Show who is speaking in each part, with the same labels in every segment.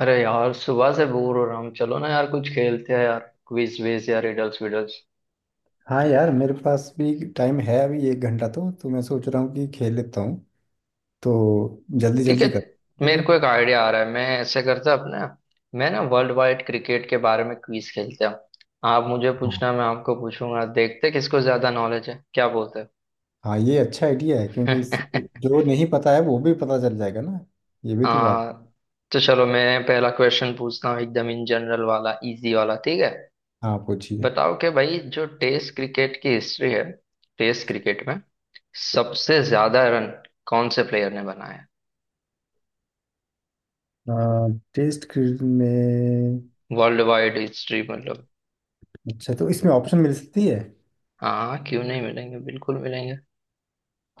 Speaker 1: अरे यार, सुबह से बोर हो रहा हूँ। चलो ना यार, कुछ खेलते हैं यार। क्विज विज या रिडल्स विडल्स?
Speaker 2: हाँ यार, मेरे पास भी टाइम है अभी। एक घंटा, तो मैं सोच रहा हूँ कि खेल लेता हूँ। तो जल्दी
Speaker 1: ठीक है।
Speaker 2: जल्दी कर। मैं तो...
Speaker 1: मेरे को एक आइडिया आ रहा है, मैं ऐसे करता अपने। मैं ना वर्ल्ड वाइड क्रिकेट के बारे में क्विज खेलते हैं। आप मुझे
Speaker 2: हाँ
Speaker 1: पूछना, मैं आपको पूछूंगा। देखते हैं किसको ज्यादा नॉलेज है, क्या बोलते
Speaker 2: हाँ, ये अच्छा आइडिया है क्योंकि इससे
Speaker 1: हैं?
Speaker 2: जो नहीं पता है वो भी पता चल जाएगा ना। ये भी तो बात।
Speaker 1: हाँ। तो चलो, मैं पहला क्वेश्चन पूछता हूँ, एकदम इन जनरल वाला, इजी वाला, ठीक है?
Speaker 2: हाँ, पूछिए।
Speaker 1: बताओ कि भाई, जो टेस्ट क्रिकेट की हिस्ट्री है, टेस्ट क्रिकेट में सबसे ज्यादा रन कौन से प्लेयर ने बनाया?
Speaker 2: टेस्ट क्रिकेट में।
Speaker 1: वर्ल्ड वाइड हिस्ट्री मतलब।
Speaker 2: अच्छा, तो इसमें ऑप्शन मिल सकती है?
Speaker 1: हाँ, क्यों नहीं मिलेंगे, बिल्कुल मिलेंगे।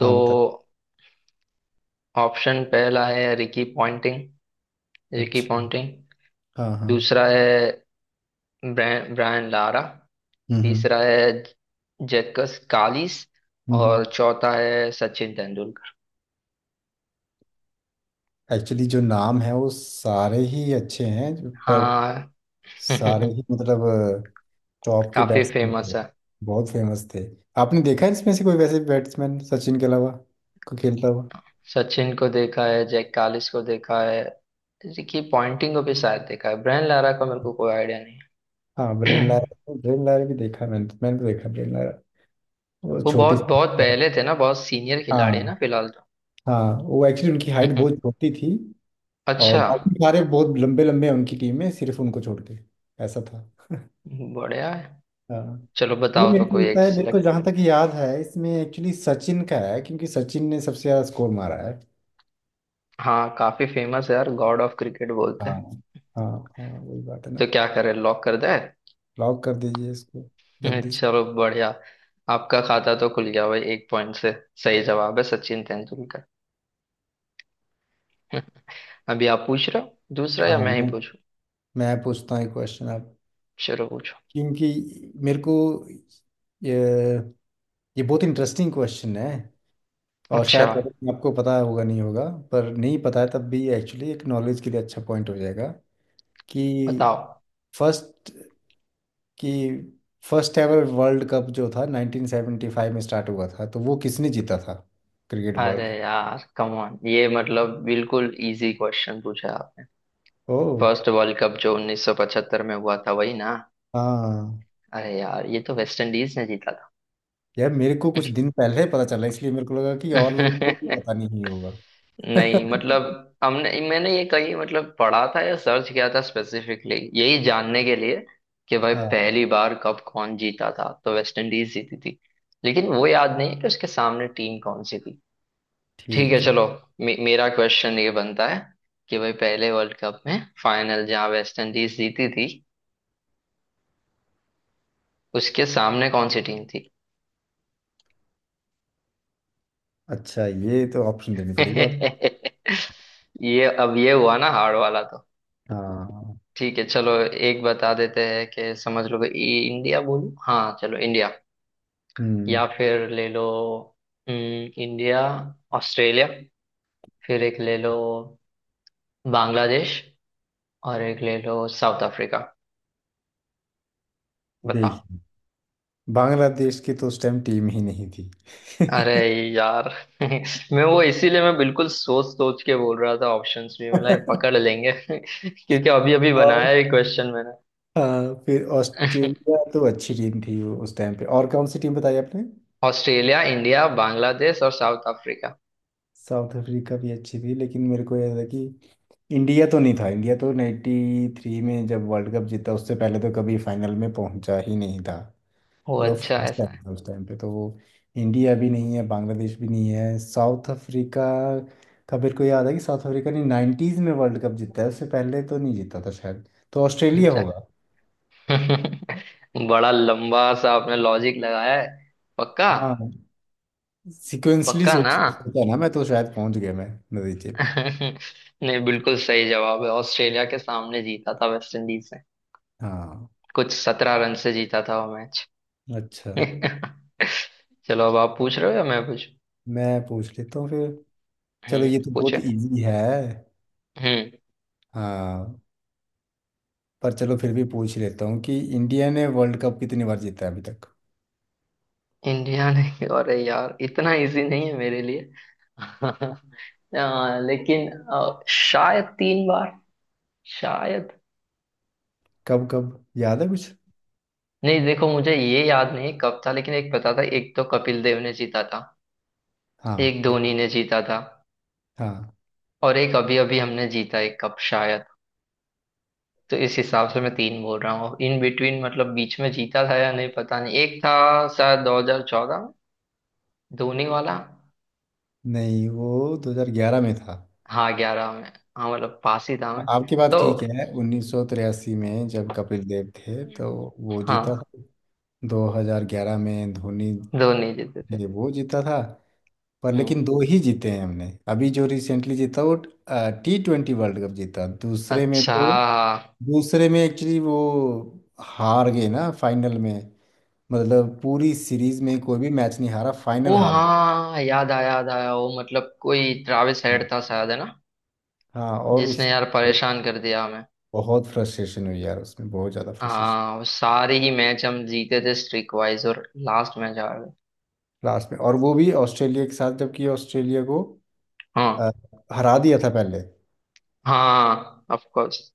Speaker 2: हाँ, बता।
Speaker 1: ऑप्शन पहला है रिकी पॉन्टिंग, रिकी
Speaker 2: अच्छा।
Speaker 1: पॉन्टिंग।
Speaker 2: हाँ हाँ।
Speaker 1: दूसरा है ब्रायन लारा।
Speaker 2: हम्म हम्म
Speaker 1: तीसरा है जैकस कालिस।
Speaker 2: हम्म।
Speaker 1: और चौथा है सचिन तेंदुलकर।
Speaker 2: एक्चुअली जो नाम है वो सारे ही अच्छे हैं, पर
Speaker 1: हाँ।
Speaker 2: सारे ही मतलब। तो आपके
Speaker 1: काफी
Speaker 2: बैट्समैन
Speaker 1: फेमस
Speaker 2: थे,
Speaker 1: है।
Speaker 2: बहुत फेमस थे। आपने देखा है इसमें से कोई वैसे बैट्समैन, सचिन के अलावा, को खेलता हुआ?
Speaker 1: सचिन को देखा है, जैक कालिस को देखा है, रिकी पॉन्टिंग को भी शायद देखा है। ब्रायन लारा का मेरे को कोई आइडिया नहीं
Speaker 2: हाँ,
Speaker 1: है।
Speaker 2: ब्रेन लारा, ब्रेन लारा भी देखा है, मैंने मैंने तो देखा ब्रेन लारा। वो
Speaker 1: वो
Speaker 2: छोटी
Speaker 1: बहुत
Speaker 2: सी।
Speaker 1: बहुत पहले थे ना, बहुत सीनियर खिलाड़ी है ना
Speaker 2: हाँ
Speaker 1: फिलहाल तो।
Speaker 2: हाँ, वो एक्चुअली उनकी हाइट बहुत छोटी थी। और
Speaker 1: अच्छा,
Speaker 2: बाकी सारे बहुत लंबे लंबे हैं उनकी टीम में, सिर्फ उनको छोड़ के। ऐसा था।
Speaker 1: बढ़िया है।
Speaker 2: हाँ।
Speaker 1: चलो
Speaker 2: वो
Speaker 1: बताओ
Speaker 2: मेरे
Speaker 1: तो
Speaker 2: को
Speaker 1: कोई
Speaker 2: लगता
Speaker 1: एक
Speaker 2: है, मेरे को
Speaker 1: सिलेक्ट।
Speaker 2: जहाँ तक याद है इसमें एक्चुअली सचिन का है, क्योंकि सचिन ने सबसे ज़्यादा स्कोर मारा है।
Speaker 1: हाँ, काफी फेमस है यार, गॉड ऑफ क्रिकेट बोलते
Speaker 2: हाँ।
Speaker 1: हैं।
Speaker 2: हाँ। हाँ, वही बात है ना।
Speaker 1: तो क्या करें, लॉक कर दे?
Speaker 2: लॉक कर दीजिए इसको, जल्दी से।
Speaker 1: चलो बढ़िया। आपका खाता तो खुल गया भाई, 1 पॉइंट से। सही जवाब है सचिन तेंदुलकर। अभी आप पूछ रहे हो दूसरा
Speaker 2: हाँ।
Speaker 1: या मैं ही पूछूं?
Speaker 2: मैं पूछता हूँ एक क्वेश्चन आप।
Speaker 1: चलो पूछो।
Speaker 2: क्योंकि मेरे को... ये ये बहुत इंटरेस्टिंग क्वेश्चन है। और
Speaker 1: अच्छा
Speaker 2: शायद, मतलब, आपको पता होगा नहीं होगा, पर नहीं पता है तब भी एक्चुअली एक नॉलेज के लिए अच्छा पॉइंट हो जाएगा। कि
Speaker 1: बताओ।
Speaker 2: फर्स्ट कि फर्स्ट एवर वर्ल्ड कप जो था 1975 में स्टार्ट हुआ था, तो वो किसने जीता था क्रिकेट
Speaker 1: अरे
Speaker 2: वर्ल्ड कप?
Speaker 1: यार, कम ऑन, ये मतलब बिल्कुल इजी क्वेश्चन पूछा आपने।
Speaker 2: ओह।
Speaker 1: फर्स्ट वर्ल्ड कप जो 1975 में हुआ था, वही ना?
Speaker 2: हाँ
Speaker 1: अरे यार, ये तो वेस्ट इंडीज ने जीता था।
Speaker 2: यार, मेरे को कुछ दिन पहले पता चला इसलिए मेरे को लगा कि और लोगों को भी पता नहीं होगा।
Speaker 1: नहीं मतलब, हमने मैंने ये कहीं मतलब पढ़ा था या सर्च किया था स्पेसिफिकली यही जानने के लिए कि भाई
Speaker 2: हाँ।
Speaker 1: पहली बार कब कौन जीता था, तो वेस्ट इंडीज जीती थी। लेकिन वो याद नहीं कि उसके सामने टीम कौन सी। ठीक है
Speaker 2: ठीक है।
Speaker 1: चलो। मे मेरा क्वेश्चन ये बनता है कि भाई पहले वर्ल्ड कप में फाइनल जहाँ वेस्ट इंडीज जीती थी, उसके सामने कौन सी टीम थी?
Speaker 2: अच्छा, ये तो ऑप्शन देनी पड़ेगी आप।
Speaker 1: ये अब ये हुआ ना हार्ड वाला तो।
Speaker 2: हाँ।
Speaker 1: ठीक है चलो। एक बता देते हैं कि समझ लो कि इंडिया बोलूं, हाँ चलो इंडिया।
Speaker 2: हम्म।
Speaker 1: या फिर ले लो, इंडिया, ऑस्ट्रेलिया। फिर एक ले लो बांग्लादेश। और एक ले लो साउथ अफ्रीका। बताओ।
Speaker 2: देखिए, बांग्लादेश की तो उस टाइम टीम ही नहीं थी।
Speaker 1: अरे यार। मैं वो इसीलिए मैं बिल्कुल सोच सोच के बोल रहा था ऑप्शंस भी, मतलब ये पकड़ लेंगे। क्योंकि अभी अभी बनाया
Speaker 2: और
Speaker 1: है क्वेश्चन मैंने।
Speaker 2: हाँ, फिर ऑस्ट्रेलिया तो अच्छी टीम थी वो उस टाइम पे। और कौन सी टीम बताई आपने?
Speaker 1: ऑस्ट्रेलिया, इंडिया, बांग्लादेश और साउथ अफ्रीका।
Speaker 2: साउथ अफ्रीका भी अच्छी थी, लेकिन मेरे को याद है कि इंडिया तो नहीं था। इंडिया तो 93 में जब वर्ल्ड कप जीता उससे पहले तो कभी फाइनल में पहुंचा ही नहीं था।
Speaker 1: ओ
Speaker 2: वो तो
Speaker 1: अच्छा,
Speaker 2: फ्रेंच
Speaker 1: ऐसा
Speaker 2: टाइम
Speaker 1: है।
Speaker 2: था उस टाइम पे। तो वो, इंडिया भी नहीं है, बांग्लादेश भी नहीं है, साउथ अफ्रीका का मेरे को याद है कि साउथ अफ्रीका ने नाइन्टीज में वर्ल्ड कप जीता है, उससे पहले तो नहीं जीता था शायद। तो ऑस्ट्रेलिया
Speaker 1: अच्छा।
Speaker 2: होगा।
Speaker 1: बड़ा लंबा सा आपने लॉजिक लगाया है। पक्का?
Speaker 2: हाँ, सिक्वेंसली
Speaker 1: पक्का
Speaker 2: सोच
Speaker 1: ना?
Speaker 2: सोचा ना, मैं तो शायद पहुंच गया मैं नतीजे पे।
Speaker 1: नहीं, बिल्कुल सही जवाब है, ऑस्ट्रेलिया के सामने जीता था वेस्ट इंडीज ने।
Speaker 2: हाँ।
Speaker 1: कुछ 17 रन से जीता था वो मैच।
Speaker 2: अच्छा,
Speaker 1: चलो अब आप पूछ रहे हो या मैं पूछ।
Speaker 2: मैं पूछ लेता हूँ फिर। चलो, ये तो
Speaker 1: पूछे।
Speaker 2: बहुत इजी है।
Speaker 1: हम्म।
Speaker 2: हाँ, पर चलो फिर भी पूछ लेता हूँ कि इंडिया ने वर्ल्ड कप कितनी बार जीता है अभी तक?
Speaker 1: इंडिया। नहीं अरे यार, इतना इजी नहीं है मेरे लिए। लेकिन शायद 3 बार। शायद।
Speaker 2: कब कब याद है कुछ?
Speaker 1: नहीं देखो, मुझे ये याद नहीं कब था, लेकिन एक पता था, एक तो कपिल देव ने जीता था,
Speaker 2: हाँ।
Speaker 1: एक धोनी ने जीता था,
Speaker 2: हाँ।
Speaker 1: और एक अभी अभी हमने जीता एक कप शायद। तो इस हिसाब से मैं तीन बोल रहा हूँ, इन बिटवीन मतलब बीच में जीता था या नहीं पता नहीं। एक था शायद 2014 में, धोनी वाला।
Speaker 2: नहीं, वो 2011 में था।
Speaker 1: हाँ, 11 में। हाँ मतलब पास ही था मैं।
Speaker 2: आपकी
Speaker 1: तो
Speaker 2: बात ठीक है, 1983 में जब कपिल देव थे
Speaker 1: हम्म।
Speaker 2: तो वो जीता
Speaker 1: हाँ।
Speaker 2: था। 2011 में धोनी,
Speaker 1: दो नहीं जीते थे।
Speaker 2: ये वो जीता था। पर
Speaker 1: हम्म।
Speaker 2: लेकिन दो ही जीते हैं हमने। अभी जो रिसेंटली जीता वो T20 वर्ल्ड कप जीता दूसरे में
Speaker 1: अच्छा।
Speaker 2: तो। दूसरे में एक्चुअली वो हार गए ना फाइनल में। मतलब पूरी सीरीज में कोई भी मैच नहीं हारा, फाइनल
Speaker 1: ओ
Speaker 2: हार गए।
Speaker 1: हाँ, याद आया, याद आया। वो मतलब कोई ट्रैविस
Speaker 2: हाँ।
Speaker 1: हेड था शायद, है ना?
Speaker 2: हाँ, और
Speaker 1: जिसने यार
Speaker 2: उसमें
Speaker 1: परेशान कर दिया हमें।
Speaker 2: बहुत फ्रस्ट्रेशन हुई यार उसमें, बहुत ज़्यादा फ्रस्ट्रेशन।
Speaker 1: हाँ, वो सारे ही मैच हम जीते थे स्ट्रीक वाइज और लास्ट मैच हार गए।
Speaker 2: लास्ट में, और वो भी ऑस्ट्रेलिया के साथ, जबकि ऑस्ट्रेलिया को
Speaker 1: हाँ।
Speaker 2: अ, हरा दिया था पहले।
Speaker 1: हाँ ऑफ कोर्स।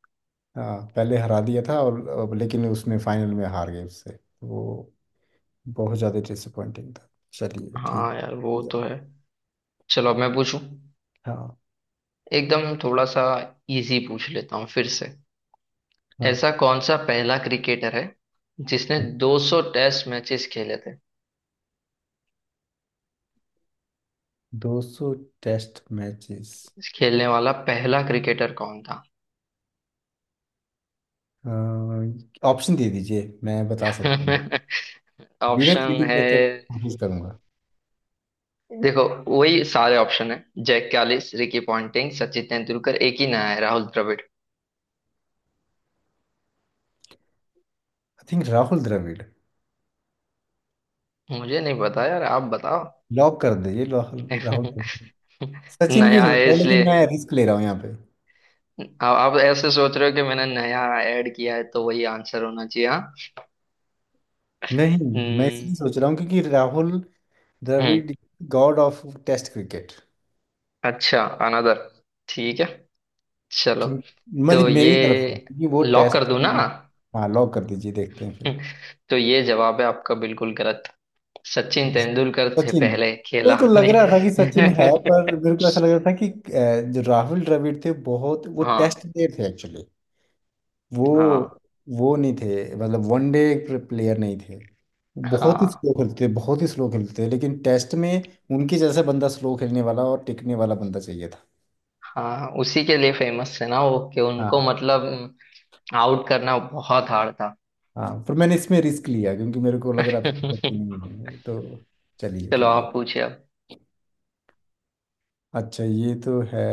Speaker 2: हाँ, पहले हरा दिया था, और अब लेकिन उसमें फाइनल में हार गए उससे, तो वो बहुत ज़्यादा डिसअपॉइंटिंग था। चलिए ठीक
Speaker 1: हाँ
Speaker 2: है।
Speaker 1: यार, वो
Speaker 2: Yeah.
Speaker 1: तो है। चलो अब मैं पूछूं।
Speaker 2: हाँ।
Speaker 1: एकदम थोड़ा सा इजी पूछ लेता हूँ फिर से।
Speaker 2: हाँ।
Speaker 1: ऐसा कौन सा पहला क्रिकेटर है जिसने 200 टेस्ट मैचेस खेले थे?
Speaker 2: 200 टेस्ट मैचेस।
Speaker 1: खेलने वाला पहला क्रिकेटर कौन था?
Speaker 2: ऑप्शन दे दीजिए, मैं बता सकता हूँ। बिना
Speaker 1: ऑप्शन
Speaker 2: चीटिंग
Speaker 1: है।
Speaker 2: करके कोशिश करूंगा।
Speaker 1: देखो वही सारे ऑप्शन है। Jacques Kallis, Ricky Ponting, Sachin Tendulkar, एक ही नया है राहुल द्रविड़।
Speaker 2: I think Rahul Dravid.
Speaker 1: मुझे नहीं पता यार, आप बताओ।
Speaker 2: लॉक कर दीजिए, राहुल राहुल द्रविड़। सचिन भी हो
Speaker 1: नया है
Speaker 2: सकता है लेकिन
Speaker 1: इसलिए।
Speaker 2: मैं रिस्क ले रहा हूँ यहाँ पे।
Speaker 1: आप ऐसे सोच रहे हो कि मैंने नया ऐड किया है, तो वही आंसर होना चाहिए, हाँ?
Speaker 2: नहीं। मैं
Speaker 1: हम्म।
Speaker 2: इसलिए सोच रहा हूँ क्योंकि राहुल
Speaker 1: हम्म,
Speaker 2: Dravid god of test cricket.
Speaker 1: अच्छा अनदर। ठीक है चलो।
Speaker 2: क्योंकि
Speaker 1: तो
Speaker 2: मतलब
Speaker 1: ये
Speaker 2: मेरी तरफ से, क्योंकि वो
Speaker 1: लॉक कर
Speaker 2: टेस्ट।
Speaker 1: दूं ना?
Speaker 2: हाँ लॉक कर दीजिए, देखते हैं फिर।
Speaker 1: तो ये जवाब है आपका बिल्कुल गलत। सचिन तेंदुलकर से
Speaker 2: सचिन।
Speaker 1: पहले खेला।
Speaker 2: मेरे को लग रहा था कि सचिन है, पर मेरे को ऐसा लग रहा था कि जो राहुल द्रविड़ थे, बहुत वो
Speaker 1: हाँ।
Speaker 2: टेस्ट प्लेयर थे एक्चुअली। वो
Speaker 1: हाँ।
Speaker 2: वो नहीं थे मतलब वनडे प्लेयर नहीं थे। वो बहुत ही
Speaker 1: हाँ।
Speaker 2: स्लो खेलते थे, बहुत ही स्लो खेलते थे, लेकिन टेस्ट में उनके जैसा बंदा, स्लो खेलने वाला और टिकने वाला बंदा चाहिए था।
Speaker 1: हाँ उसी के लिए फेमस है ना वो, कि उनको
Speaker 2: हाँ,
Speaker 1: मतलब आउट करना बहुत हार्ड था।
Speaker 2: हाँ, पर मैंने इसमें रिस्क लिया क्योंकि मेरे को लग रहा था कि पति नहीं है तो। चलिए,
Speaker 1: चलो
Speaker 2: कोई बात।
Speaker 1: आप पूछिए अब।
Speaker 2: अच्छा, ये तो है।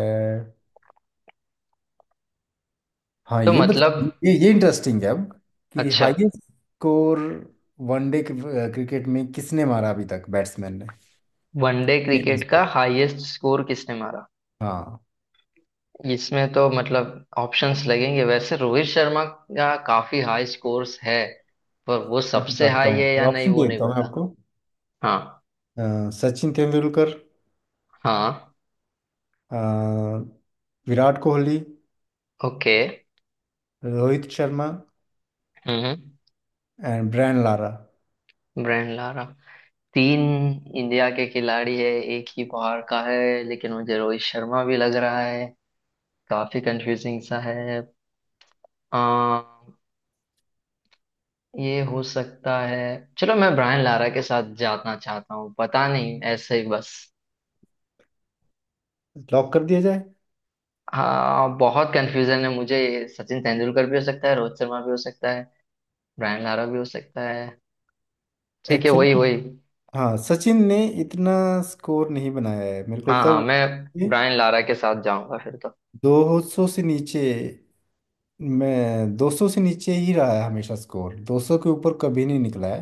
Speaker 2: हाँ,
Speaker 1: तो
Speaker 2: ये बता।
Speaker 1: मतलब।
Speaker 2: ये इंटरेस्टिंग है अब, कि
Speaker 1: अच्छा।
Speaker 2: हाईएस्ट स्कोर वनडे क्रिकेट में किसने मारा अभी तक, बैट्समैन ने।
Speaker 1: वनडे
Speaker 2: फील्ड
Speaker 1: क्रिकेट का
Speaker 2: स्कोर।
Speaker 1: हाईएस्ट स्कोर किसने मारा?
Speaker 2: हाँ,
Speaker 1: इसमें तो मतलब ऑप्शंस लगेंगे, वैसे रोहित शर्मा का काफी हाई स्कोर्स है, पर वो
Speaker 2: मैं
Speaker 1: सबसे
Speaker 2: बताता
Speaker 1: हाई है या
Speaker 2: हूँ,
Speaker 1: नहीं
Speaker 2: ऑप्शन
Speaker 1: वो नहीं
Speaker 2: देता हूँ मैं
Speaker 1: पता।
Speaker 2: आपको।
Speaker 1: हाँ।
Speaker 2: सचिन तेंदुलकर।
Speaker 1: हाँ।
Speaker 2: अ, विराट कोहली।
Speaker 1: ओके।
Speaker 2: रोहित शर्मा।
Speaker 1: हम्म।
Speaker 2: And Brian Lara.
Speaker 1: Brian Lara. तीन इंडिया के खिलाड़ी है, एक ही बाहर का है, लेकिन मुझे रोहित शर्मा भी लग रहा है, काफी कंफ्यूजिंग सा है। आ, ये हो सकता है। चलो मैं ब्रायन लारा के साथ जाना चाहता हूँ, पता नहीं ऐसे ही बस।
Speaker 2: लॉक कर दिया जाए?
Speaker 1: हाँ, बहुत कंफ्यूजन है मुझे। सचिन तेंदुलकर भी हो सकता है, रोहित शर्मा भी हो सकता है, ब्रायन लारा भी हो सकता है। ठीक है, वही
Speaker 2: एक्चुअली,
Speaker 1: वही।
Speaker 2: हाँ, सचिन ने इतना स्कोर नहीं बनाया है मेरे को
Speaker 1: हाँ।
Speaker 2: तो।
Speaker 1: हाँ, मैं ब्रायन लारा के साथ जाऊंगा फिर तो।
Speaker 2: 200 से नीचे, मैं 200 से नीचे ही रहा है हमेशा स्कोर, 200 के ऊपर कभी नहीं निकला है।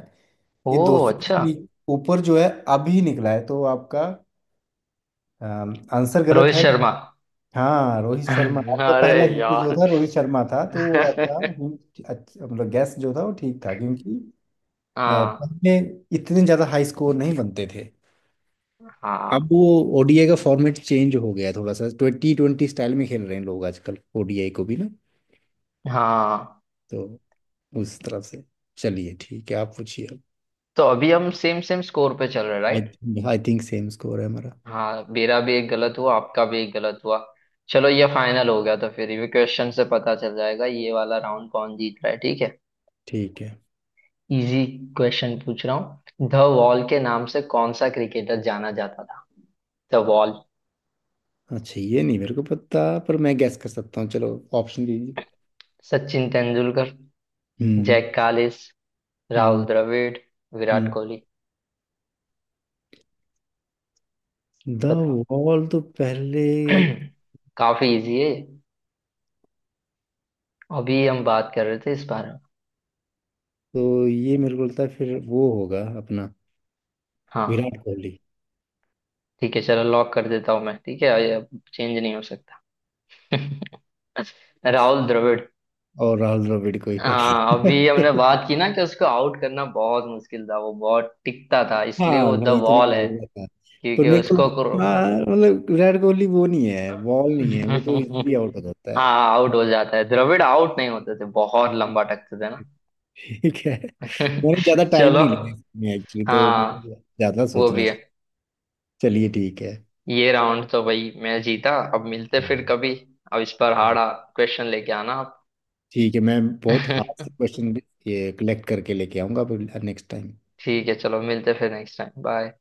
Speaker 2: ये दो
Speaker 1: ओह
Speaker 2: सौ
Speaker 1: अच्छा।
Speaker 2: के नी- ऊपर जो है अभी निकला है, तो आपका आंसर गलत
Speaker 1: रोहित
Speaker 2: है।
Speaker 1: शर्मा।
Speaker 2: हाँ, रोहित शर्मा। आपका
Speaker 1: अरे
Speaker 2: पहला हिंट जो
Speaker 1: यार।
Speaker 2: था रोहित शर्मा था, तो वो आपका हिंट अच्छा, मतलब गैस जो था वो ठीक था, क्योंकि अ,
Speaker 1: हाँ।
Speaker 2: पहले इतने ज्यादा हाई स्कोर नहीं बनते थे।
Speaker 1: हाँ।
Speaker 2: अब वो ओडीआई का फॉर्मेट चेंज हो गया थोड़ा सा, T20 स्टाइल में खेल रहे हैं लोग आजकल ओडीआई को भी ना।
Speaker 1: हाँ।
Speaker 2: तो उस तरफ से, चलिए ठीक है, आप पूछिए।
Speaker 1: तो अभी हम सेम सेम स्कोर पे चल रहे,
Speaker 2: I
Speaker 1: right?
Speaker 2: Think I think same score है हमारा।
Speaker 1: हाँ, मेरा भी एक गलत हुआ, आपका भी एक गलत हुआ। चलो ये फाइनल हो गया, तो फिर ये क्वेश्चन से पता चल जाएगा ये वाला राउंड कौन जीत रहा है, ठीक है?
Speaker 2: ठीक है।
Speaker 1: इजी क्वेश्चन पूछ रहा हूँ, द वॉल के नाम से कौन सा क्रिकेटर जाना जाता था? The wall.
Speaker 2: अच्छा, ये नहीं मेरे को पता, पर मैं गैस कर सकता हूँ, चलो, ऑप्शन दीजिए।
Speaker 1: सचिन तेंदुलकर,
Speaker 2: हम्म।
Speaker 1: जैक कालिस, राहुल
Speaker 2: हम्म।
Speaker 1: द्रविड़, विराट
Speaker 2: हम्म।
Speaker 1: कोहली।
Speaker 2: द
Speaker 1: बताओ।
Speaker 2: वॉल तो पहले,
Speaker 1: काफी इजी है। अभी हम बात कर रहे थे इस बारे में।
Speaker 2: तो ये मेरे को लगता है फिर वो होगा अपना,
Speaker 1: हाँ
Speaker 2: विराट कोहली।
Speaker 1: ठीक है चलो, लॉक कर देता हूँ मैं, ठीक है ये अब चेंज नहीं हो सकता। राहुल द्रविड़।
Speaker 2: और राहुल द्रविड़ को ही
Speaker 1: हाँ,
Speaker 2: कहते
Speaker 1: अभी हमने
Speaker 2: हैं।
Speaker 1: बात की ना कि उसको आउट करना बहुत मुश्किल था, वो बहुत टिकता था, इसलिए
Speaker 2: हाँ
Speaker 1: वो द
Speaker 2: भाई, इतना
Speaker 1: वॉल
Speaker 2: हो
Speaker 1: है।
Speaker 2: गया था। पर
Speaker 1: क्योंकि
Speaker 2: मेरे को
Speaker 1: उसको।
Speaker 2: लगा हाँ, मतलब विराट कोहली वो नहीं है, बॉल नहीं है, वो तो इजीली आउट हो जाता है।
Speaker 1: हाँ आउट हो जाता है, द्रविड़ आउट नहीं होते थे, बहुत लंबा टकते थे ना।
Speaker 2: ठीक है। मैंने ज्यादा टाइम
Speaker 1: चलो।
Speaker 2: नहीं लिया इसमें एक्चुअली, तो मतलब
Speaker 1: हाँ,
Speaker 2: ज्यादा
Speaker 1: वो
Speaker 2: सोचना
Speaker 1: भी है।
Speaker 2: चाहिए। चलिए ठीक है।
Speaker 1: ये राउंड तो भाई मैं जीता, अब मिलते फिर
Speaker 2: हाँ
Speaker 1: कभी। अब इस पर हारा, क्वेश्चन लेके आना आप।
Speaker 2: ठीक है, मैं बहुत हार्ड से क्वेश्चन ये कलेक्ट करके लेके आऊंगा नेक्स्ट टाइम।
Speaker 1: ठीक है चलो, मिलते फिर नेक्स्ट टाइम, बाय।